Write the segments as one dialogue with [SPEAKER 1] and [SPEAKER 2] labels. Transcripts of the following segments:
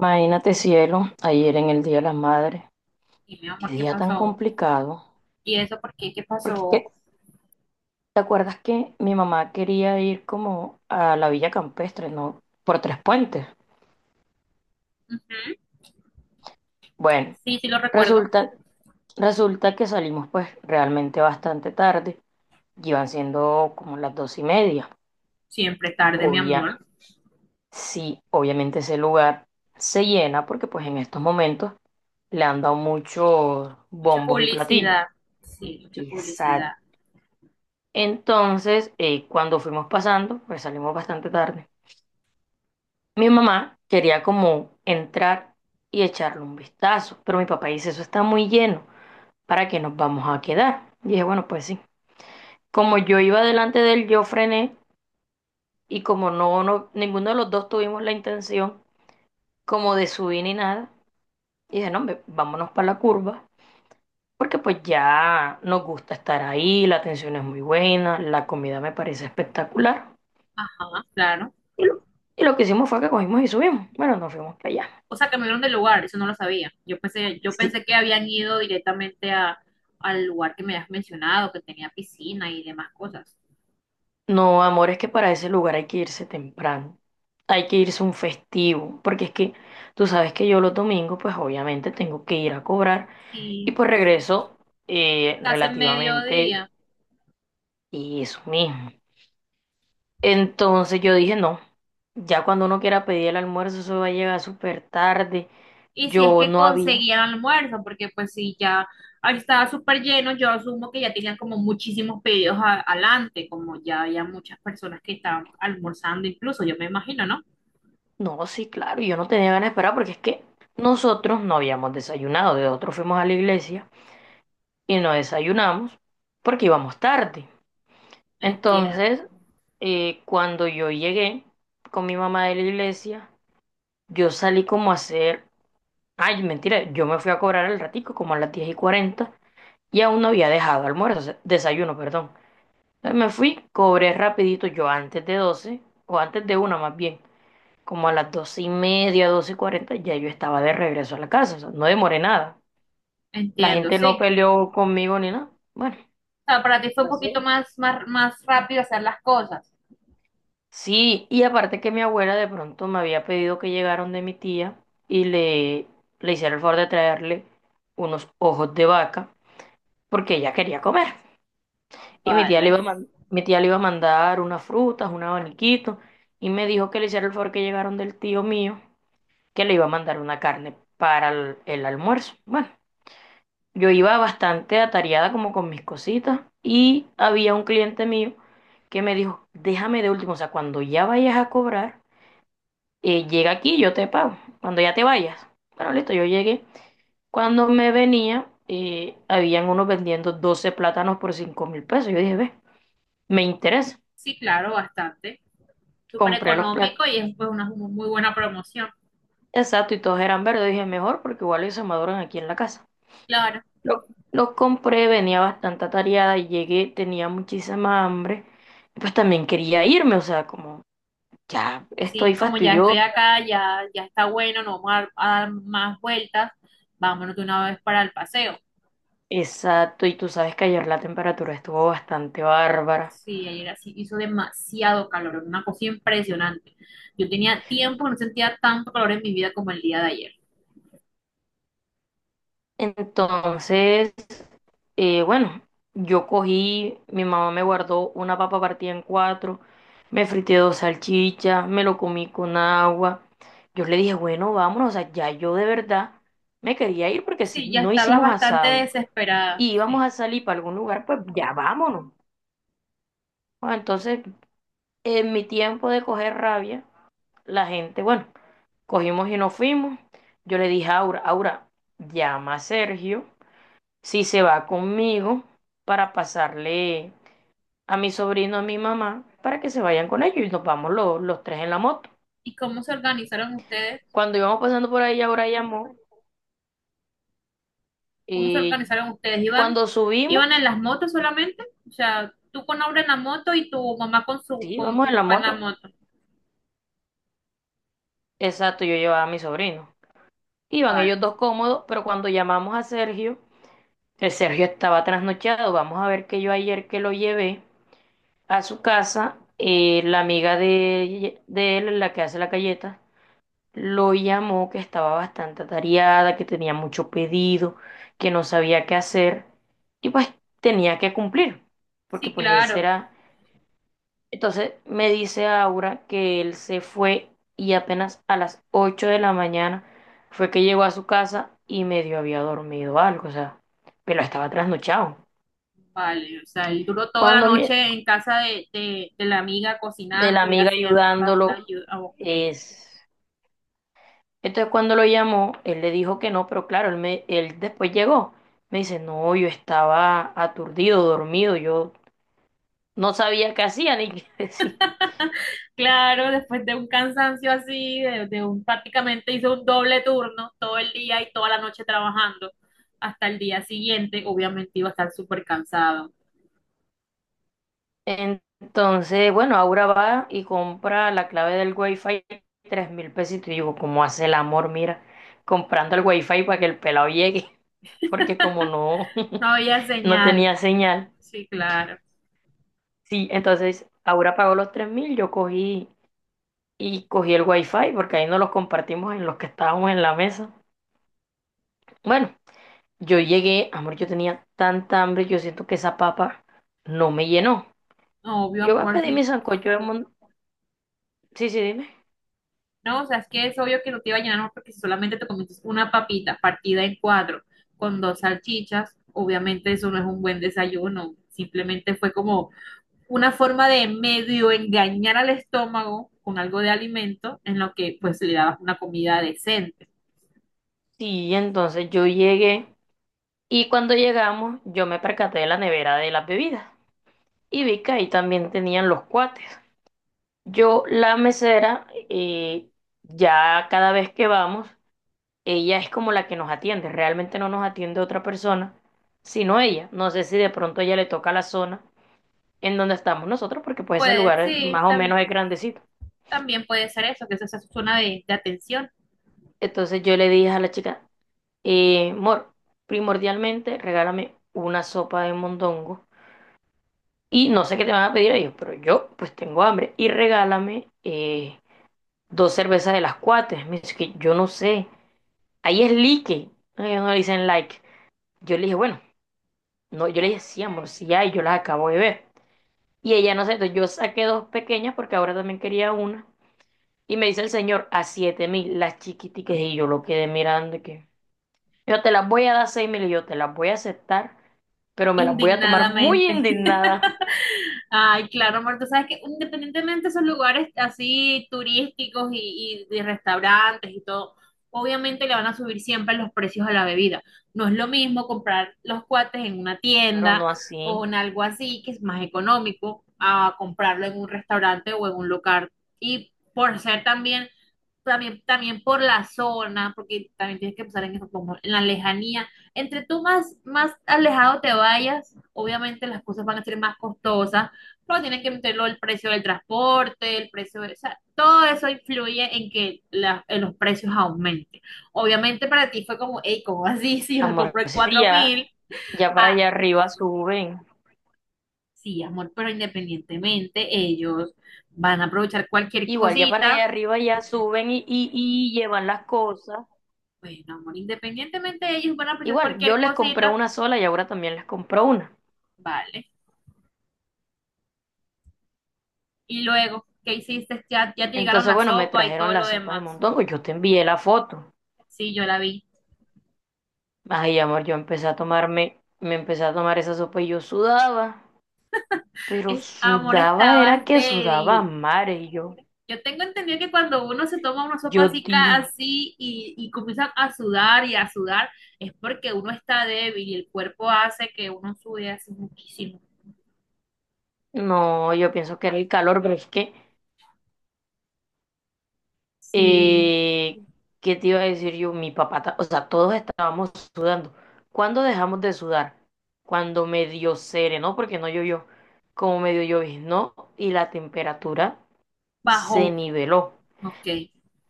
[SPEAKER 1] Imagínate, cielo, ayer en el Día de las Madres,
[SPEAKER 2] Y mi amor,
[SPEAKER 1] qué
[SPEAKER 2] ¿qué
[SPEAKER 1] día tan
[SPEAKER 2] pasó?
[SPEAKER 1] complicado.
[SPEAKER 2] ¿Y eso por qué? ¿Qué
[SPEAKER 1] Porque es que,
[SPEAKER 2] pasó?
[SPEAKER 1] ¿te acuerdas que mi mamá quería ir como a la Villa Campestre? ¿No? Por Tres Puentes.
[SPEAKER 2] Ujú.
[SPEAKER 1] Bueno,
[SPEAKER 2] Sí, sí lo recuerdo.
[SPEAKER 1] resulta, resulta que salimos pues realmente bastante tarde. Iban siendo como las 2:30.
[SPEAKER 2] Siempre tarde, mi
[SPEAKER 1] Obvia,
[SPEAKER 2] amor.
[SPEAKER 1] sí, obviamente ese lugar se llena porque pues en estos momentos le han dado muchos
[SPEAKER 2] Mucha
[SPEAKER 1] bombos y platillos.
[SPEAKER 2] publicidad. Sí, mucha publicidad.
[SPEAKER 1] Exacto. Entonces, cuando fuimos pasando, pues salimos bastante tarde. Mi mamá quería como entrar y echarle un vistazo, pero mi papá dice, eso está muy lleno, ¿para qué nos vamos a quedar? Y dije, bueno, pues sí. Como yo iba delante de él, yo frené y como no, ninguno de los dos tuvimos la intención como de subir ni nada, y dije, no, hombre, vámonos para la curva, porque pues ya nos gusta estar ahí, la atención es muy buena, la comida me parece espectacular.
[SPEAKER 2] Ajá, claro.
[SPEAKER 1] Y lo, y lo que hicimos fue que cogimos y subimos. Bueno, nos fuimos para allá.
[SPEAKER 2] O sea, cambiaron de lugar, eso no lo sabía. Yo pensé, yo
[SPEAKER 1] Sí.
[SPEAKER 2] pensé que habían ido directamente a, al lugar que me has mencionado, que tenía piscina y demás cosas.
[SPEAKER 1] No, amor, es que para ese lugar hay que irse temprano. Hay que irse un festivo. Porque es que tú sabes que yo los domingos, pues obviamente tengo que ir a cobrar. Y
[SPEAKER 2] Sí,
[SPEAKER 1] pues regreso
[SPEAKER 2] casi el
[SPEAKER 1] relativamente
[SPEAKER 2] mediodía.
[SPEAKER 1] y eso mismo. Entonces yo dije, no, ya cuando uno quiera pedir el almuerzo, eso va a llegar súper tarde.
[SPEAKER 2] Y si es
[SPEAKER 1] Yo
[SPEAKER 2] que
[SPEAKER 1] no había.
[SPEAKER 2] conseguían almuerzo, porque pues si ya ahí estaba súper lleno, yo asumo que ya tenían como muchísimos pedidos adelante, como ya había muchas personas que estaban almorzando incluso, yo me imagino, ¿no?
[SPEAKER 1] No, sí, claro, yo no tenía ganas de esperar porque es que nosotros no habíamos desayunado, de otro fuimos a la iglesia y no desayunamos porque íbamos tarde. Entonces,
[SPEAKER 2] Entiendo,
[SPEAKER 1] cuando yo llegué con mi mamá de la iglesia, yo salí como a hacer, ay, mentira, yo me fui a cobrar al ratico como a las 10:40 y aún no había dejado almuerzo, o sea, desayuno, perdón. Entonces me fui, cobré rapidito yo antes de 12 o antes de una más bien. Como a las 2:30, 2:40, ya yo estaba de regreso a la casa, o sea, no demoré nada. La
[SPEAKER 2] entiendo,
[SPEAKER 1] gente no
[SPEAKER 2] sí.
[SPEAKER 1] peleó conmigo ni nada. Bueno.
[SPEAKER 2] O sea, para ti fue un poquito
[SPEAKER 1] Así.
[SPEAKER 2] más rápido hacer las cosas.
[SPEAKER 1] Sí, y aparte que mi abuela de pronto me había pedido que llegaron de mi tía y le hiciera el favor de traerle unos ojos de vaca porque ella quería comer. Y mi tía le
[SPEAKER 2] Vale.
[SPEAKER 1] iba a man- mi tía le iba a mandar unas frutas, un abaniquito, y me dijo que le hiciera el favor que llegaron del tío mío, que le iba a mandar una carne para el almuerzo. Bueno. Yo iba bastante atareada como con mis cositas y había un cliente mío que me dijo, déjame de último, o sea, cuando ya vayas a cobrar, llega aquí, yo te pago, cuando ya te vayas. Bueno, listo, yo llegué. Cuando me venía, habían unos vendiendo 12 plátanos por 5.000 pesos. Yo dije, ve, me interesa.
[SPEAKER 2] Sí, claro, bastante. Súper
[SPEAKER 1] Compré los
[SPEAKER 2] económico
[SPEAKER 1] plátanos,
[SPEAKER 2] y es pues una muy buena promoción.
[SPEAKER 1] exacto, y todos eran verdes. Dije, mejor porque igual ellos se maduran aquí en la casa.
[SPEAKER 2] Claro.
[SPEAKER 1] Lo, lo compré, venía bastante atareada y llegué, tenía muchísima hambre. Y pues también quería irme, o sea, como ya
[SPEAKER 2] Sí,
[SPEAKER 1] estoy
[SPEAKER 2] como ya estoy
[SPEAKER 1] fastidioso.
[SPEAKER 2] acá, ya, ya está bueno, no vamos a, dar más vueltas, vámonos de una vez para el paseo.
[SPEAKER 1] Exacto, y tú sabes que ayer la temperatura estuvo bastante bárbara.
[SPEAKER 2] Sí, ayer así hizo demasiado calor, una cosa impresionante. Yo tenía tiempo, no sentía tanto calor en mi vida como el día de ayer.
[SPEAKER 1] Entonces, bueno, yo cogí, mi mamá me guardó una papa partida en cuatro, me frité dos salchichas, me lo comí con agua. Yo le dije, bueno, vámonos, o sea, ya yo de verdad me quería ir porque si
[SPEAKER 2] Sí, ya
[SPEAKER 1] no
[SPEAKER 2] estaba
[SPEAKER 1] hicimos
[SPEAKER 2] bastante
[SPEAKER 1] asado.
[SPEAKER 2] desesperada.
[SPEAKER 1] Y íbamos
[SPEAKER 2] Sí.
[SPEAKER 1] a salir para algún lugar, pues ya vámonos. Bueno, entonces, en mi tiempo de coger rabia, la gente, bueno, cogimos y nos fuimos. Yo le dije a Aura, Aura, llama a Sergio si se va conmigo para pasarle a mi sobrino, a mi mamá, para que se vayan con ellos y nos vamos los tres en la moto.
[SPEAKER 2] ¿Y cómo se organizaron ustedes?
[SPEAKER 1] Cuando íbamos pasando por ahí, Aura llamó
[SPEAKER 2] ¿Cómo se
[SPEAKER 1] y
[SPEAKER 2] organizaron ustedes? ¿Iban,
[SPEAKER 1] cuando
[SPEAKER 2] iban
[SPEAKER 1] subimos,
[SPEAKER 2] en las motos solamente? O sea, tú con Aura en la moto y tu mamá con su,
[SPEAKER 1] sí,
[SPEAKER 2] con
[SPEAKER 1] vamos
[SPEAKER 2] tu
[SPEAKER 1] en la
[SPEAKER 2] papá en la
[SPEAKER 1] moto.
[SPEAKER 2] moto.
[SPEAKER 1] Exacto, yo llevaba a mi sobrino. Iban
[SPEAKER 2] Vale.
[SPEAKER 1] ellos dos cómodos, pero cuando llamamos a Sergio, el Sergio estaba trasnochado. Vamos a ver que yo ayer que lo llevé a su casa, la amiga de él, la que hace la galleta, lo llamó que estaba bastante atareada, que tenía mucho pedido, que no sabía qué hacer y pues tenía que cumplir, porque
[SPEAKER 2] Sí,
[SPEAKER 1] pues ese
[SPEAKER 2] claro.
[SPEAKER 1] era entonces me dice Aura que él se fue y apenas a las 8 de la mañana fue que llegó a su casa y medio había dormido algo, o sea, pero estaba trasnochado.
[SPEAKER 2] Vale, o sea, él duró toda la
[SPEAKER 1] Cuando mi-
[SPEAKER 2] noche en casa de la amiga
[SPEAKER 1] de la
[SPEAKER 2] cocinando y
[SPEAKER 1] amiga
[SPEAKER 2] haciendo la, la
[SPEAKER 1] ayudándolo
[SPEAKER 2] ayuda. Ah, ok.
[SPEAKER 1] es entonces cuando lo llamó, él le dijo que no, pero claro, él después llegó. Me dice, "No, yo estaba aturdido, dormido, yo no sabía qué hacía ni qué decir."
[SPEAKER 2] Claro, después de un cansancio así, de un prácticamente hizo un doble turno todo el día y toda la noche trabajando hasta el día siguiente, obviamente iba a estar súper cansado.
[SPEAKER 1] Entonces, bueno, Aura va y compra la clave del Wi-Fi, 3.000 pesitos. Y digo, ¿cómo hace el amor? Mira, comprando el Wi-Fi para que el pelado llegue, porque como no,
[SPEAKER 2] No había
[SPEAKER 1] no
[SPEAKER 2] señal.
[SPEAKER 1] tenía señal.
[SPEAKER 2] Sí, claro.
[SPEAKER 1] Sí, entonces Aura pagó los 3.000, yo cogí y cogí el Wi-Fi, porque ahí no los compartimos en los que estábamos en la mesa. Bueno, yo llegué, amor, yo tenía tanta hambre, yo siento que esa papa no me llenó.
[SPEAKER 2] No, obvio,
[SPEAKER 1] Yo voy a
[SPEAKER 2] amor,
[SPEAKER 1] pedir
[SPEAKER 2] si
[SPEAKER 1] mi sancocho de mon... Sí, sí, dime.
[SPEAKER 2] no, o sea, es que es obvio que no te iba a llenar más porque si solamente te comes una papita partida en cuatro con dos salchichas, obviamente eso no es un buen desayuno. Simplemente fue como una forma de medio engañar al estómago con algo de alimento en lo que pues le dabas una comida decente.
[SPEAKER 1] Sí, entonces yo llegué y cuando llegamos yo me percaté de la nevera de las bebidas y vi que ahí también tenían los cuates. Yo, la mesera, ya cada vez que vamos, ella es como la que nos atiende, realmente no nos atiende otra persona, sino ella. No sé si de pronto ella le toca la zona en donde estamos nosotros, porque pues ese
[SPEAKER 2] Pues
[SPEAKER 1] lugar
[SPEAKER 2] sí,
[SPEAKER 1] más o menos es grandecito.
[SPEAKER 2] también puede ser eso, que eso es una zona de atención,
[SPEAKER 1] Entonces yo le dije a la chica, Mor, primordialmente regálame una sopa de mondongo. Y no sé qué te van a pedir ellos, pero yo pues tengo hambre. Y regálame dos cervezas de las cuatro. Me dice que yo no sé. Ahí es like. No, ellos no le dicen like. Yo le dije, bueno, no, yo le dije, sí, amor, sí hay, yo las acabo de ver. Y ella no sé, entonces yo saqué dos pequeñas porque ahora también quería una. Y me dice el señor, a 7.000, las chiquiticas. Y yo lo quedé mirando y que yo te las voy a dar 6.000 y yo te las voy a aceptar, pero me las voy a tomar muy
[SPEAKER 2] indignadamente.
[SPEAKER 1] indignada.
[SPEAKER 2] Ay, claro, amor, tú sabes que independientemente de esos lugares así turísticos y de restaurantes y todo, obviamente le van a subir siempre los precios a la bebida. No es lo mismo comprar los cuates en una
[SPEAKER 1] Pero
[SPEAKER 2] tienda
[SPEAKER 1] no
[SPEAKER 2] o
[SPEAKER 1] así.
[SPEAKER 2] en algo así que es más económico a comprarlo en un restaurante o en un local. Y por ser también por la zona, porque también tienes que pensar en eso, como en la lejanía. Entre tú más alejado te vayas, obviamente las cosas van a ser más costosas, pero tienes que meterlo el precio del transporte, el precio de, o sea, todo eso influye en que en los precios aumenten. Obviamente para ti fue como, hey, ¿cómo así? Si yo la
[SPEAKER 1] Amor,
[SPEAKER 2] compré en
[SPEAKER 1] sí,
[SPEAKER 2] 4
[SPEAKER 1] ya.
[SPEAKER 2] mil,
[SPEAKER 1] Ya para
[SPEAKER 2] ah,
[SPEAKER 1] allá arriba suben.
[SPEAKER 2] sí, amor, pero independientemente ellos van a aprovechar cualquier
[SPEAKER 1] Igual, ya para allá
[SPEAKER 2] cosita.
[SPEAKER 1] arriba ya suben y llevan las cosas.
[SPEAKER 2] Bueno, amor, independientemente ellos van a aprovechar
[SPEAKER 1] Igual, yo
[SPEAKER 2] cualquier
[SPEAKER 1] les compré
[SPEAKER 2] cosita.
[SPEAKER 1] una sola y ahora también les compró una.
[SPEAKER 2] Vale. Y luego, ¿qué hiciste? Ya, ya te llegaron
[SPEAKER 1] Entonces,
[SPEAKER 2] la
[SPEAKER 1] bueno, me
[SPEAKER 2] sopa y
[SPEAKER 1] trajeron
[SPEAKER 2] todo lo
[SPEAKER 1] las sopas de
[SPEAKER 2] demás.
[SPEAKER 1] mondongo. Yo te envié la foto.
[SPEAKER 2] Sí, yo la vi.
[SPEAKER 1] Ay, amor, yo empecé a tomarme, me empecé a tomar esa sopa y yo sudaba. Pero
[SPEAKER 2] Amor,
[SPEAKER 1] sudaba, era
[SPEAKER 2] estabas
[SPEAKER 1] que sudaba a
[SPEAKER 2] débil.
[SPEAKER 1] mares. Y yo,
[SPEAKER 2] Yo tengo entendido que cuando uno se toma una sopa
[SPEAKER 1] yo,
[SPEAKER 2] así,
[SPEAKER 1] tío,
[SPEAKER 2] así y comienza a sudar y a sudar, es porque uno está débil y el cuerpo hace que uno sude así muchísimo.
[SPEAKER 1] no, yo pienso que era el calor, pero es que
[SPEAKER 2] Sí,
[SPEAKER 1] Eh, ¿Qué te iba a decir yo? Mi papá, o sea, todos estábamos sudando. ¿Cuándo dejamos de sudar? Cuando medio serenó, porque no llovió, como medio lloviznó y la temperatura se
[SPEAKER 2] bajó.
[SPEAKER 1] niveló.
[SPEAKER 2] Ok,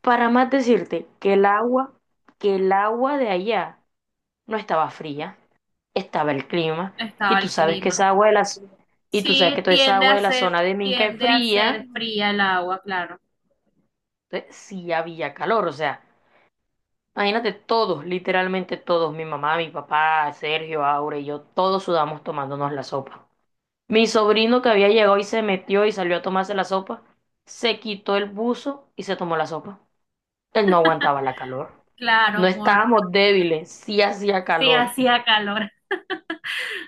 [SPEAKER 1] Para más decirte que el agua de allá no estaba fría, estaba el clima,
[SPEAKER 2] estaba
[SPEAKER 1] y tú
[SPEAKER 2] el
[SPEAKER 1] sabes que
[SPEAKER 2] clima.
[SPEAKER 1] esa agua de la y tú sabes que
[SPEAKER 2] Sí,
[SPEAKER 1] toda esa agua de la zona de Minca es
[SPEAKER 2] tiende a
[SPEAKER 1] fría,
[SPEAKER 2] ser fría el agua, claro.
[SPEAKER 1] entonces sí había calor, o sea. Imagínate todos, literalmente todos, mi mamá, mi papá, Sergio, Aure y yo, todos sudamos tomándonos la sopa. Mi sobrino que había llegado y se metió y salió a tomarse la sopa, se quitó el buzo y se tomó la sopa. Él no aguantaba la calor.
[SPEAKER 2] Claro,
[SPEAKER 1] No
[SPEAKER 2] amor.
[SPEAKER 1] estábamos débiles, sí hacía
[SPEAKER 2] Sí,
[SPEAKER 1] calor.
[SPEAKER 2] hacía calor.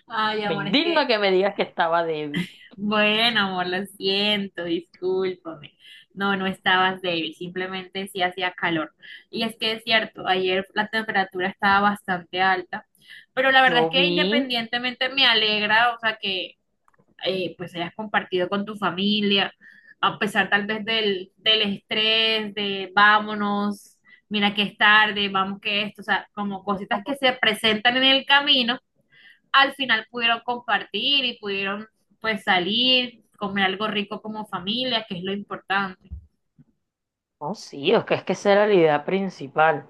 [SPEAKER 2] Ay,
[SPEAKER 1] Me
[SPEAKER 2] amor, es
[SPEAKER 1] indigna
[SPEAKER 2] que,
[SPEAKER 1] que me digas que estaba débil.
[SPEAKER 2] bueno, amor, lo siento, discúlpame. No, no estabas débil, simplemente sí hacía calor. Y es que es cierto, ayer la temperatura estaba bastante alta, pero la
[SPEAKER 1] Yo
[SPEAKER 2] verdad es que
[SPEAKER 1] vi,
[SPEAKER 2] independientemente me alegra, o sea, que pues hayas compartido con tu familia, a pesar tal vez del, del estrés, de vámonos, mira que es tarde, vamos que esto, o sea, como cositas que se presentan en el camino al final pudieron compartir y pudieron pues salir, comer algo rico como familia, que es lo importante.
[SPEAKER 1] no, sí, es que esa era la idea principal.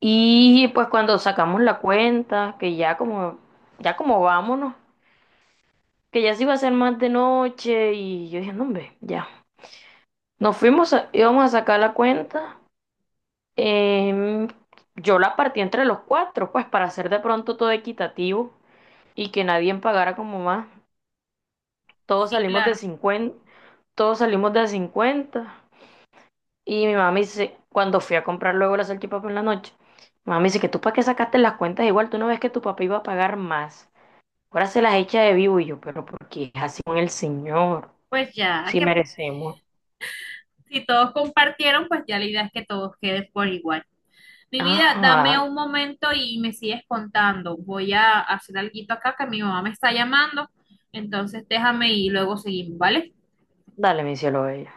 [SPEAKER 1] Y pues cuando sacamos la cuenta, que ya como vámonos. Que ya se iba a hacer más de noche y yo dije, no, hombre, ya. Nos fuimos, íbamos a sacar la cuenta. em, yo la partí entre los cuatro, pues para hacer de pronto todo equitativo y que nadie pagara como más. Todos
[SPEAKER 2] Sí,
[SPEAKER 1] salimos de
[SPEAKER 2] claro.
[SPEAKER 1] 50, todos salimos de 50. Y mi mamá me dice, cuando fui a comprar luego la salchipapa en la noche, mi mamá me dice que tú para qué sacaste las cuentas igual, tú no ves que tu papá iba a pagar más. Ahora se las echa de vivo y yo, pero porque es así con el señor,
[SPEAKER 2] Pues ya
[SPEAKER 1] si
[SPEAKER 2] que
[SPEAKER 1] merecemos.
[SPEAKER 2] si todos compartieron, pues ya la idea es que todos queden por igual. Mi vida, dame
[SPEAKER 1] Ajá.
[SPEAKER 2] un momento y me sigues contando. Voy a hacer algo acá que mi mamá me está llamando. Entonces déjame y luego seguimos, ¿vale?
[SPEAKER 1] Dale, mi cielo bello.